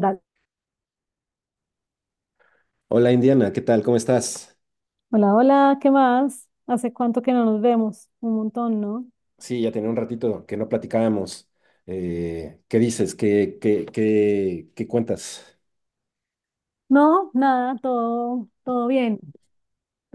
Dale. Hola Indiana, ¿qué tal? ¿Cómo estás? Hola, hola, ¿qué más? ¿Hace cuánto que no nos vemos? Un montón, ¿no? Sí, ya tenía un ratito que no platicábamos. ¿Qué dices? ¿Qué cuentas? No, nada, todo bien,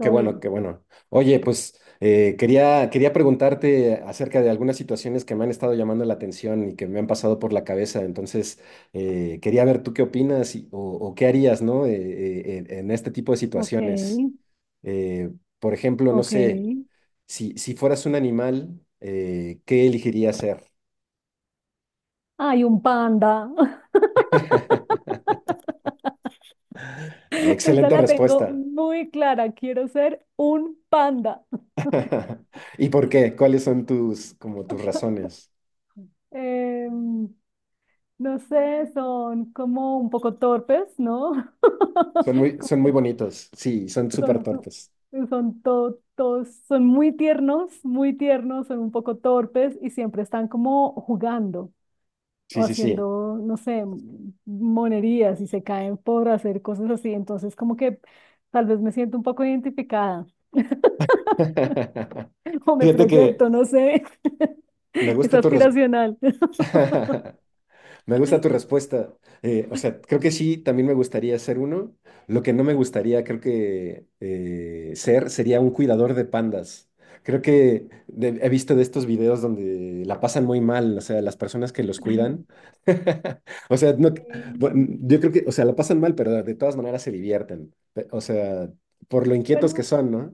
Qué bueno, bien. qué bueno. Oye, pues quería preguntarte acerca de algunas situaciones que me han estado llamando la atención y que me han pasado por la cabeza. Entonces, quería ver tú qué opinas o qué harías, ¿no? En este tipo de Ok, situaciones eh, por ejemplo, no ok. sé, si, si fueras un animal, ¿qué elegirías ser? Ay, un panda. Ah, Esa excelente la tengo respuesta. muy clara. Quiero ser un panda. ¿Y por qué? ¿Cuáles son tus, como tus razones? Em, no sé, son como un poco torpes, ¿no? Son muy bonitos. Sí, son súper Como Son, torpes. su- son to- Todos, son muy tiernos, son un poco torpes y siempre están como jugando. O Sí, sí, sí. haciendo, no sé, monerías y se caen por hacer cosas así. Entonces, como que tal vez me siento un poco identificada. O me Fíjate proyecto, que no sé. me Es gusta tu aspiracional. respuesta. Me gusta tu respuesta. O sea, creo que sí, también me gustaría ser uno. Lo que no me gustaría, creo que ser, sería un cuidador de pandas. Creo que he visto de estos videos donde la pasan muy mal, o sea, las personas que los Ay. cuidan. O sea, no, bueno, Sí. yo creo que, o sea, la pasan mal, pero de todas maneras se divierten. O sea, por lo inquietos que Bueno, son, ¿no?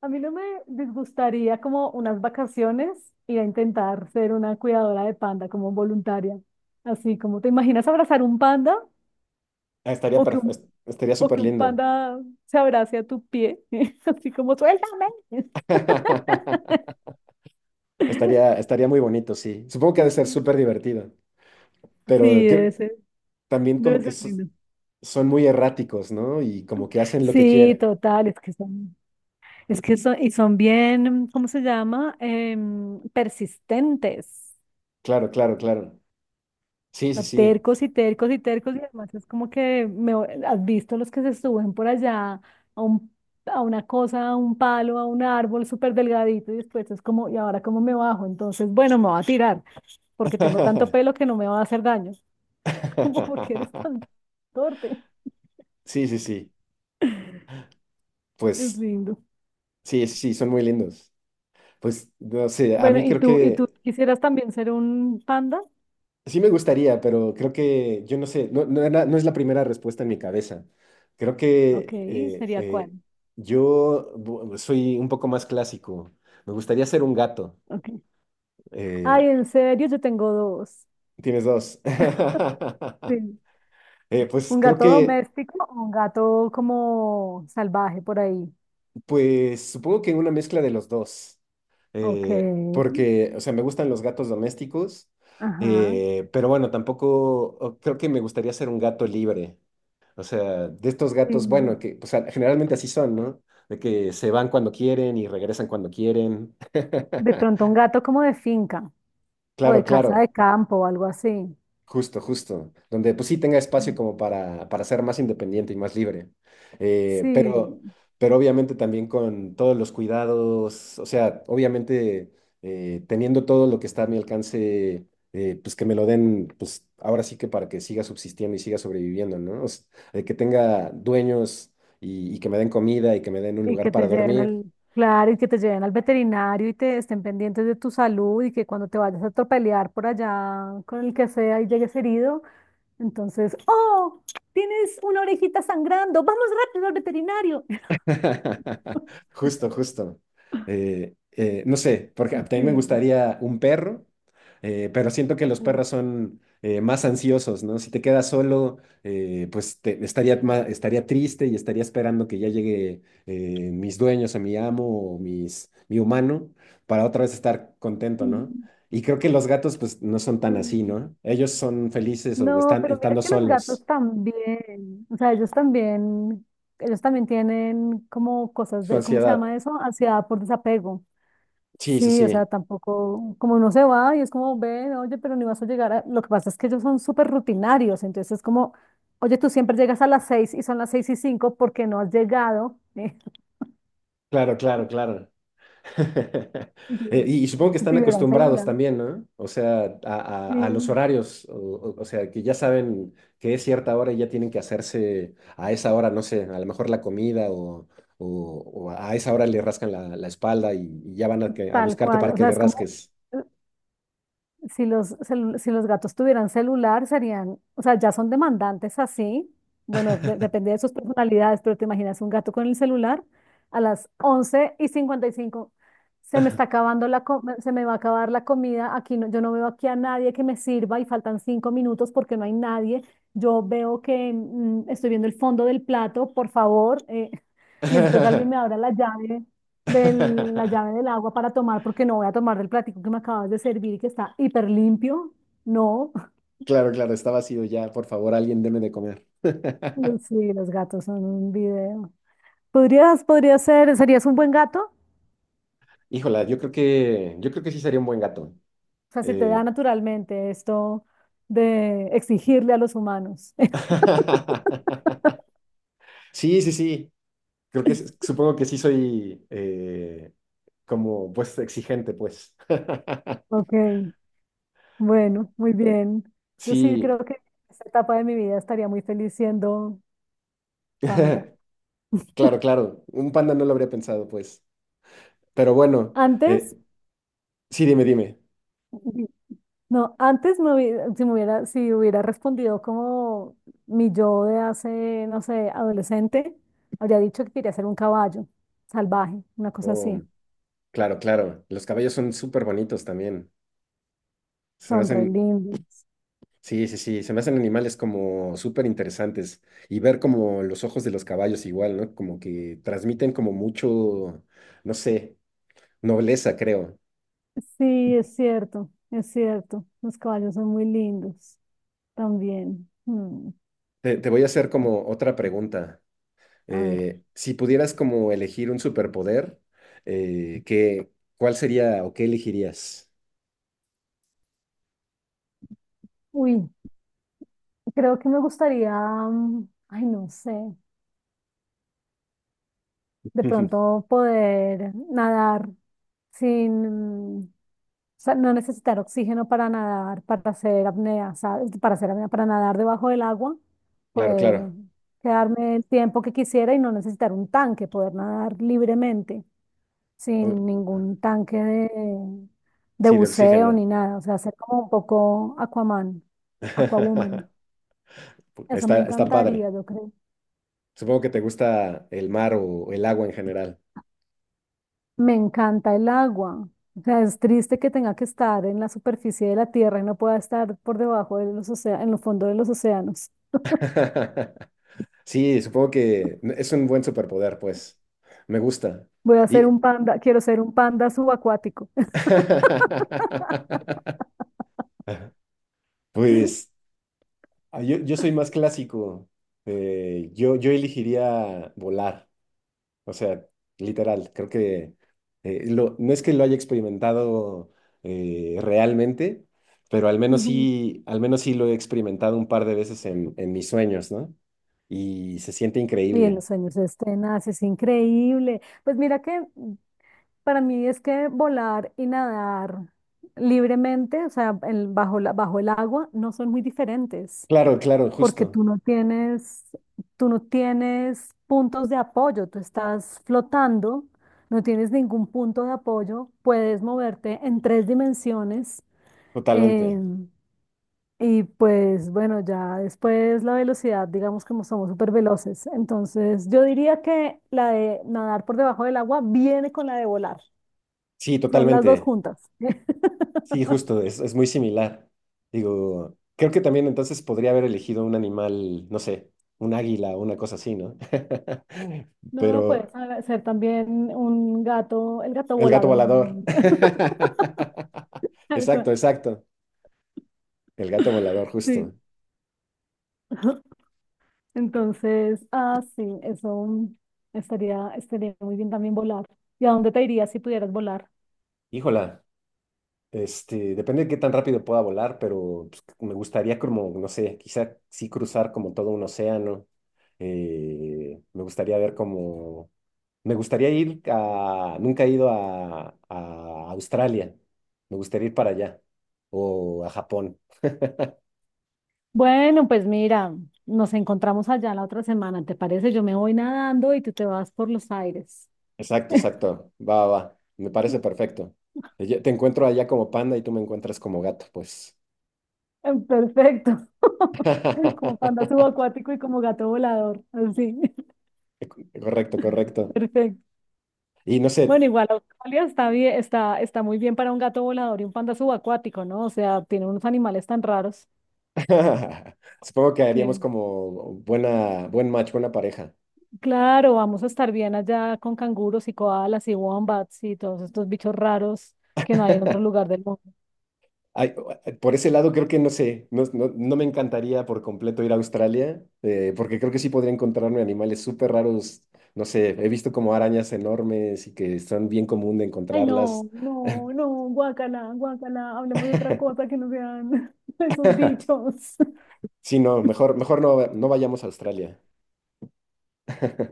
a mí no me disgustaría como unas vacaciones ir a intentar ser una cuidadora de panda como voluntaria. Así como te imaginas abrazar un panda Ah, estaría, o que un, estaría o súper que un lindo. panda se abrace a tu pie, así como suéltame. Estaría, estaría muy bonito, sí. Supongo que ha de ser súper divertido. Sí, pero debe creo- ser, también como debe que ser lindo. son muy erráticos, ¿no? Y como que hacen lo que Sí, quieren. total, es que son, y son bien, ¿cómo se llama? Persistentes. Claro, claro, claro. Sí, O sí, sea, sí. tercos y tercos y tercos, y además es como que me, has visto los que se suben por allá a un, a una cosa, a un palo, a un árbol súper delgadito, y después es como, ¿y ahora cómo me bajo? Entonces, bueno, me voy a tirar, porque tengo tanto pelo que no me va a hacer daño. Como porque eres tan torpe. Sí, sí, sí. Es Pues lindo. sí, sí, sí, son muy lindos. Pues no sé, a Bueno, mí ¿y creo tú, y tú que quisieras también ser un panda? sí me gustaría, pero creo que yo no sé, no, no, no es la primera respuesta en mi cabeza. Creo Ok, que ¿sería cuál? Soy un poco más clásico. Me gustaría ser un gato. Ok. Eh, Ay, en serio, yo tengo dos. tienes dos. Sí. Pues Un creo gato que, doméstico o un gato como salvaje por ahí. pues supongo que una mezcla de los dos. Ok, Porque, o sea, me gustan los gatos domésticos, ajá. Pero bueno, tampoco creo que me gustaría ser un gato libre, o sea, de estos gatos, bueno, Sí. que o sea, generalmente así son, ¿no? De que se van cuando quieren y regresan cuando quieren. De pronto un gato como de finca o Claro, de casa de claro. campo o algo así. Justo, justo, donde pues sí tenga espacio como para ser más independiente y más libre. Eh, pero, Sí, pero obviamente también con todos los cuidados, o sea, obviamente teniendo todo lo que está a mi alcance, pues que me lo den, pues ahora sí que para que siga subsistiendo y siga sobreviviendo, ¿no? Que tenga dueños y que me den comida y que me den un y que lugar te para lleven dormir. al, claro, y que te lleven al veterinario y te estén pendientes de tu salud y que cuando te vayas a atropellar por allá con el que sea y llegues herido, entonces, oh, tienes una orejita sangrando, vamos rápido al veterinario. Justo, justo. No sé, porque a también me Sí. gustaría un perro, pero siento que los perros son más ansiosos, ¿no? Si te quedas solo, pues estaría, estaría triste y estaría esperando que ya llegue mis dueños o mi amo o mis, mi humano para otra vez estar contento, ¿no? Mm, Y creo que los gatos, pues, no son tan así, sí. ¿no? Ellos son felices o No, están pero mira estando que los gatos solos. también, o sea, ellos también tienen como cosas Su de, ¿cómo se ansiedad. llama eso? Ansiedad por desapego. Sí, sí, Sí, o sea, sí. tampoco, como uno se va y es como, ven, oye, pero ni vas a llegar a. Lo que pasa es que ellos son súper rutinarios, entonces es como, oye, tú siempre llegas a las 6 y son las 6:05 porque no has llegado. Claro, claro, claro. Dios. y supongo que Si están tuvieran acostumbrados celular. también, ¿no? O sea, a, a los Sí, horarios, o, o sea, que ya saben que es cierta hora y ya tienen que hacerse a esa hora, no sé, a lo mejor la comida o, o a esa hora le rascan la, la espalda y ya van a, a tal buscarte cual. para O que sea, le es como rasques. eh, si los gatos tuvieran celular, serían, o sea, ya son demandantes así. Bueno, depende de sus personalidades, pero te imaginas un gato con el celular a las 11:55. Se me está acabando se me va a acabar la comida. Aquí no, yo no veo aquí a nadie que me sirva y faltan 5 minutos porque no hay nadie. Yo veo que estoy viendo el fondo del plato, por favor. Necesito que alguien me abra la llave de la llave del agua para tomar, porque no voy a tomar del platico que me acabas de servir y que está hiper limpio. No, Claro, claro, está vacío ya, por favor, alguien deme de comer. sí, los gatos son un video. ¿ Serías un buen gato? Híjola, yo creo que sí sería un buen gato. O sea, se te da Eh, naturalmente esto de exigirle a los humanos. sí, sí, sí. Creo que supongo que sí soy como pues exigente, pues. Ok, bueno, muy bien. Yo sí Sí, creo que en esta etapa de mi vida estaría muy feliz siendo panda. claro, claro. Un panda no lo habría pensado, pues. Pero bueno, Antes, eh, sí, dime, dime. no, antes si hubiera respondido como mi yo de hace, no sé, adolescente, habría dicho que quería ser un caballo salvaje, una cosa Oh, así. claro, claro. Los caballos son súper bonitos también. Se me Son re hacen, lindos. sí, sí, sí, se me hacen animales como súper interesantes. Y ver como los ojos de los caballos igual, ¿no? Como que transmiten como mucho, no sé, nobleza, creo. Sí, es cierto, es cierto. Los caballos son muy lindos también. Te voy a hacer como otra pregunta. A ver. Si pudieras como elegir un superpoder, eh, ¿qué- ¿cuál sería o qué elegirías? Uy, creo que me gustaría, ay, no sé, de pronto poder nadar sin, sea, no necesitar oxígeno para nadar, para hacer apnea, ¿sabes? Para hacer apnea, para nadar debajo del agua, Claro, poder claro. quedarme el tiempo que quisiera y no necesitar un tanque, poder nadar libremente, O- sin ningún tanque de sí, de buceo oxígeno. ni nada. O sea, ser como un poco Aquaman, Aquawoman. Eso me Está, está padre. encantaría, yo creo. Supongo que te gusta el mar o el agua en general. Me encanta el agua. O sea, es triste que tenga que estar en la superficie de la tierra y no pueda estar por debajo de los océanos, en los fondos de los océanos. Sí, supongo que es un buen superpoder, pues. Me gusta. Voy a ser Y... un panda, quiero ser un panda subacuático. Pues ah, yo soy más clásico. Yo, yo elegiría volar. O sea, literal, creo que no es que lo haya experimentado realmente, pero Ujú. Al menos sí lo he experimentado un par de veces en mis sueños, ¿no? Y se siente Y en increíble. los sueños este nace, es increíble. Pues mira que para mí es que volar y nadar libremente, o sea, bajo el agua, no son muy diferentes, Claro, claro, porque justo, tú no tienes puntos de apoyo, tú estás flotando, no tienes ningún punto de apoyo, puedes moverte en 3 dimensiones. eh, totalmente. Y pues bueno, ya después la velocidad, digamos como somos súper veloces. Entonces yo diría que la de nadar por debajo del agua viene con la de volar. Sí, Son las dos totalmente. juntas. Sí, justo, es muy similar. Digo, creo que también entonces podría haber elegido un animal, no sé, un águila o una cosa así, ¿no? No, puedes Pero ser también un gato, el gato el gato volador. volador. Exacto, Eso. exacto. El gato volador, Sí. justo. Entonces, ah, sí, eso estaría muy bien también volar. ¿Y a dónde te irías si pudieras volar? Híjola, este, depende de qué tan rápido pueda volar, pero pues, me gustaría como, no sé, quizá sí cruzar como todo un océano. Me gustaría ver como, me gustaría ir a, nunca he ido a Australia, me gustaría ir para allá, o a Japón. Bueno, pues mira, nos encontramos allá la otra semana, ¿te parece? Yo me voy nadando y tú te vas por los aires. Exacto, exacto. Va, va, va. Me parece perfecto. Te encuentro allá como panda y tú me encuentras como gato, pues. Perfecto. Como panda subacuático y como gato volador, así. Correcto, correcto. Perfecto. Y no sé, Bueno, igual Australia está bien, está muy bien para un gato volador y un panda subacuático, ¿no? O sea, tiene unos animales tan raros supongo que haríamos que, como buena, buen match, buena pareja. claro, vamos a estar bien allá con canguros y koalas y wombats y todos estos bichos raros que no hay en otro lugar del mundo. Ay, por ese lado creo que no sé, no, no me encantaría por completo ir a Australia, porque creo que sí podría encontrarme animales súper raros, no sé, he visto como arañas enormes y que son bien común de Ay, encontrarlas. no, no, no, guácala, guácala, hablemos de otra cosa que no sean esos bichos. Sí, no, mejor, mejor no, no vayamos a Australia.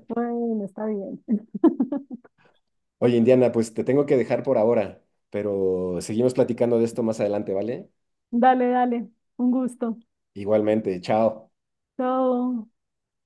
Bueno, está bien. Oye, Indiana, pues te tengo que dejar por ahora, pero seguimos platicando de esto más adelante, ¿vale? Dale, dale, un gusto. Igualmente, chao. Chao.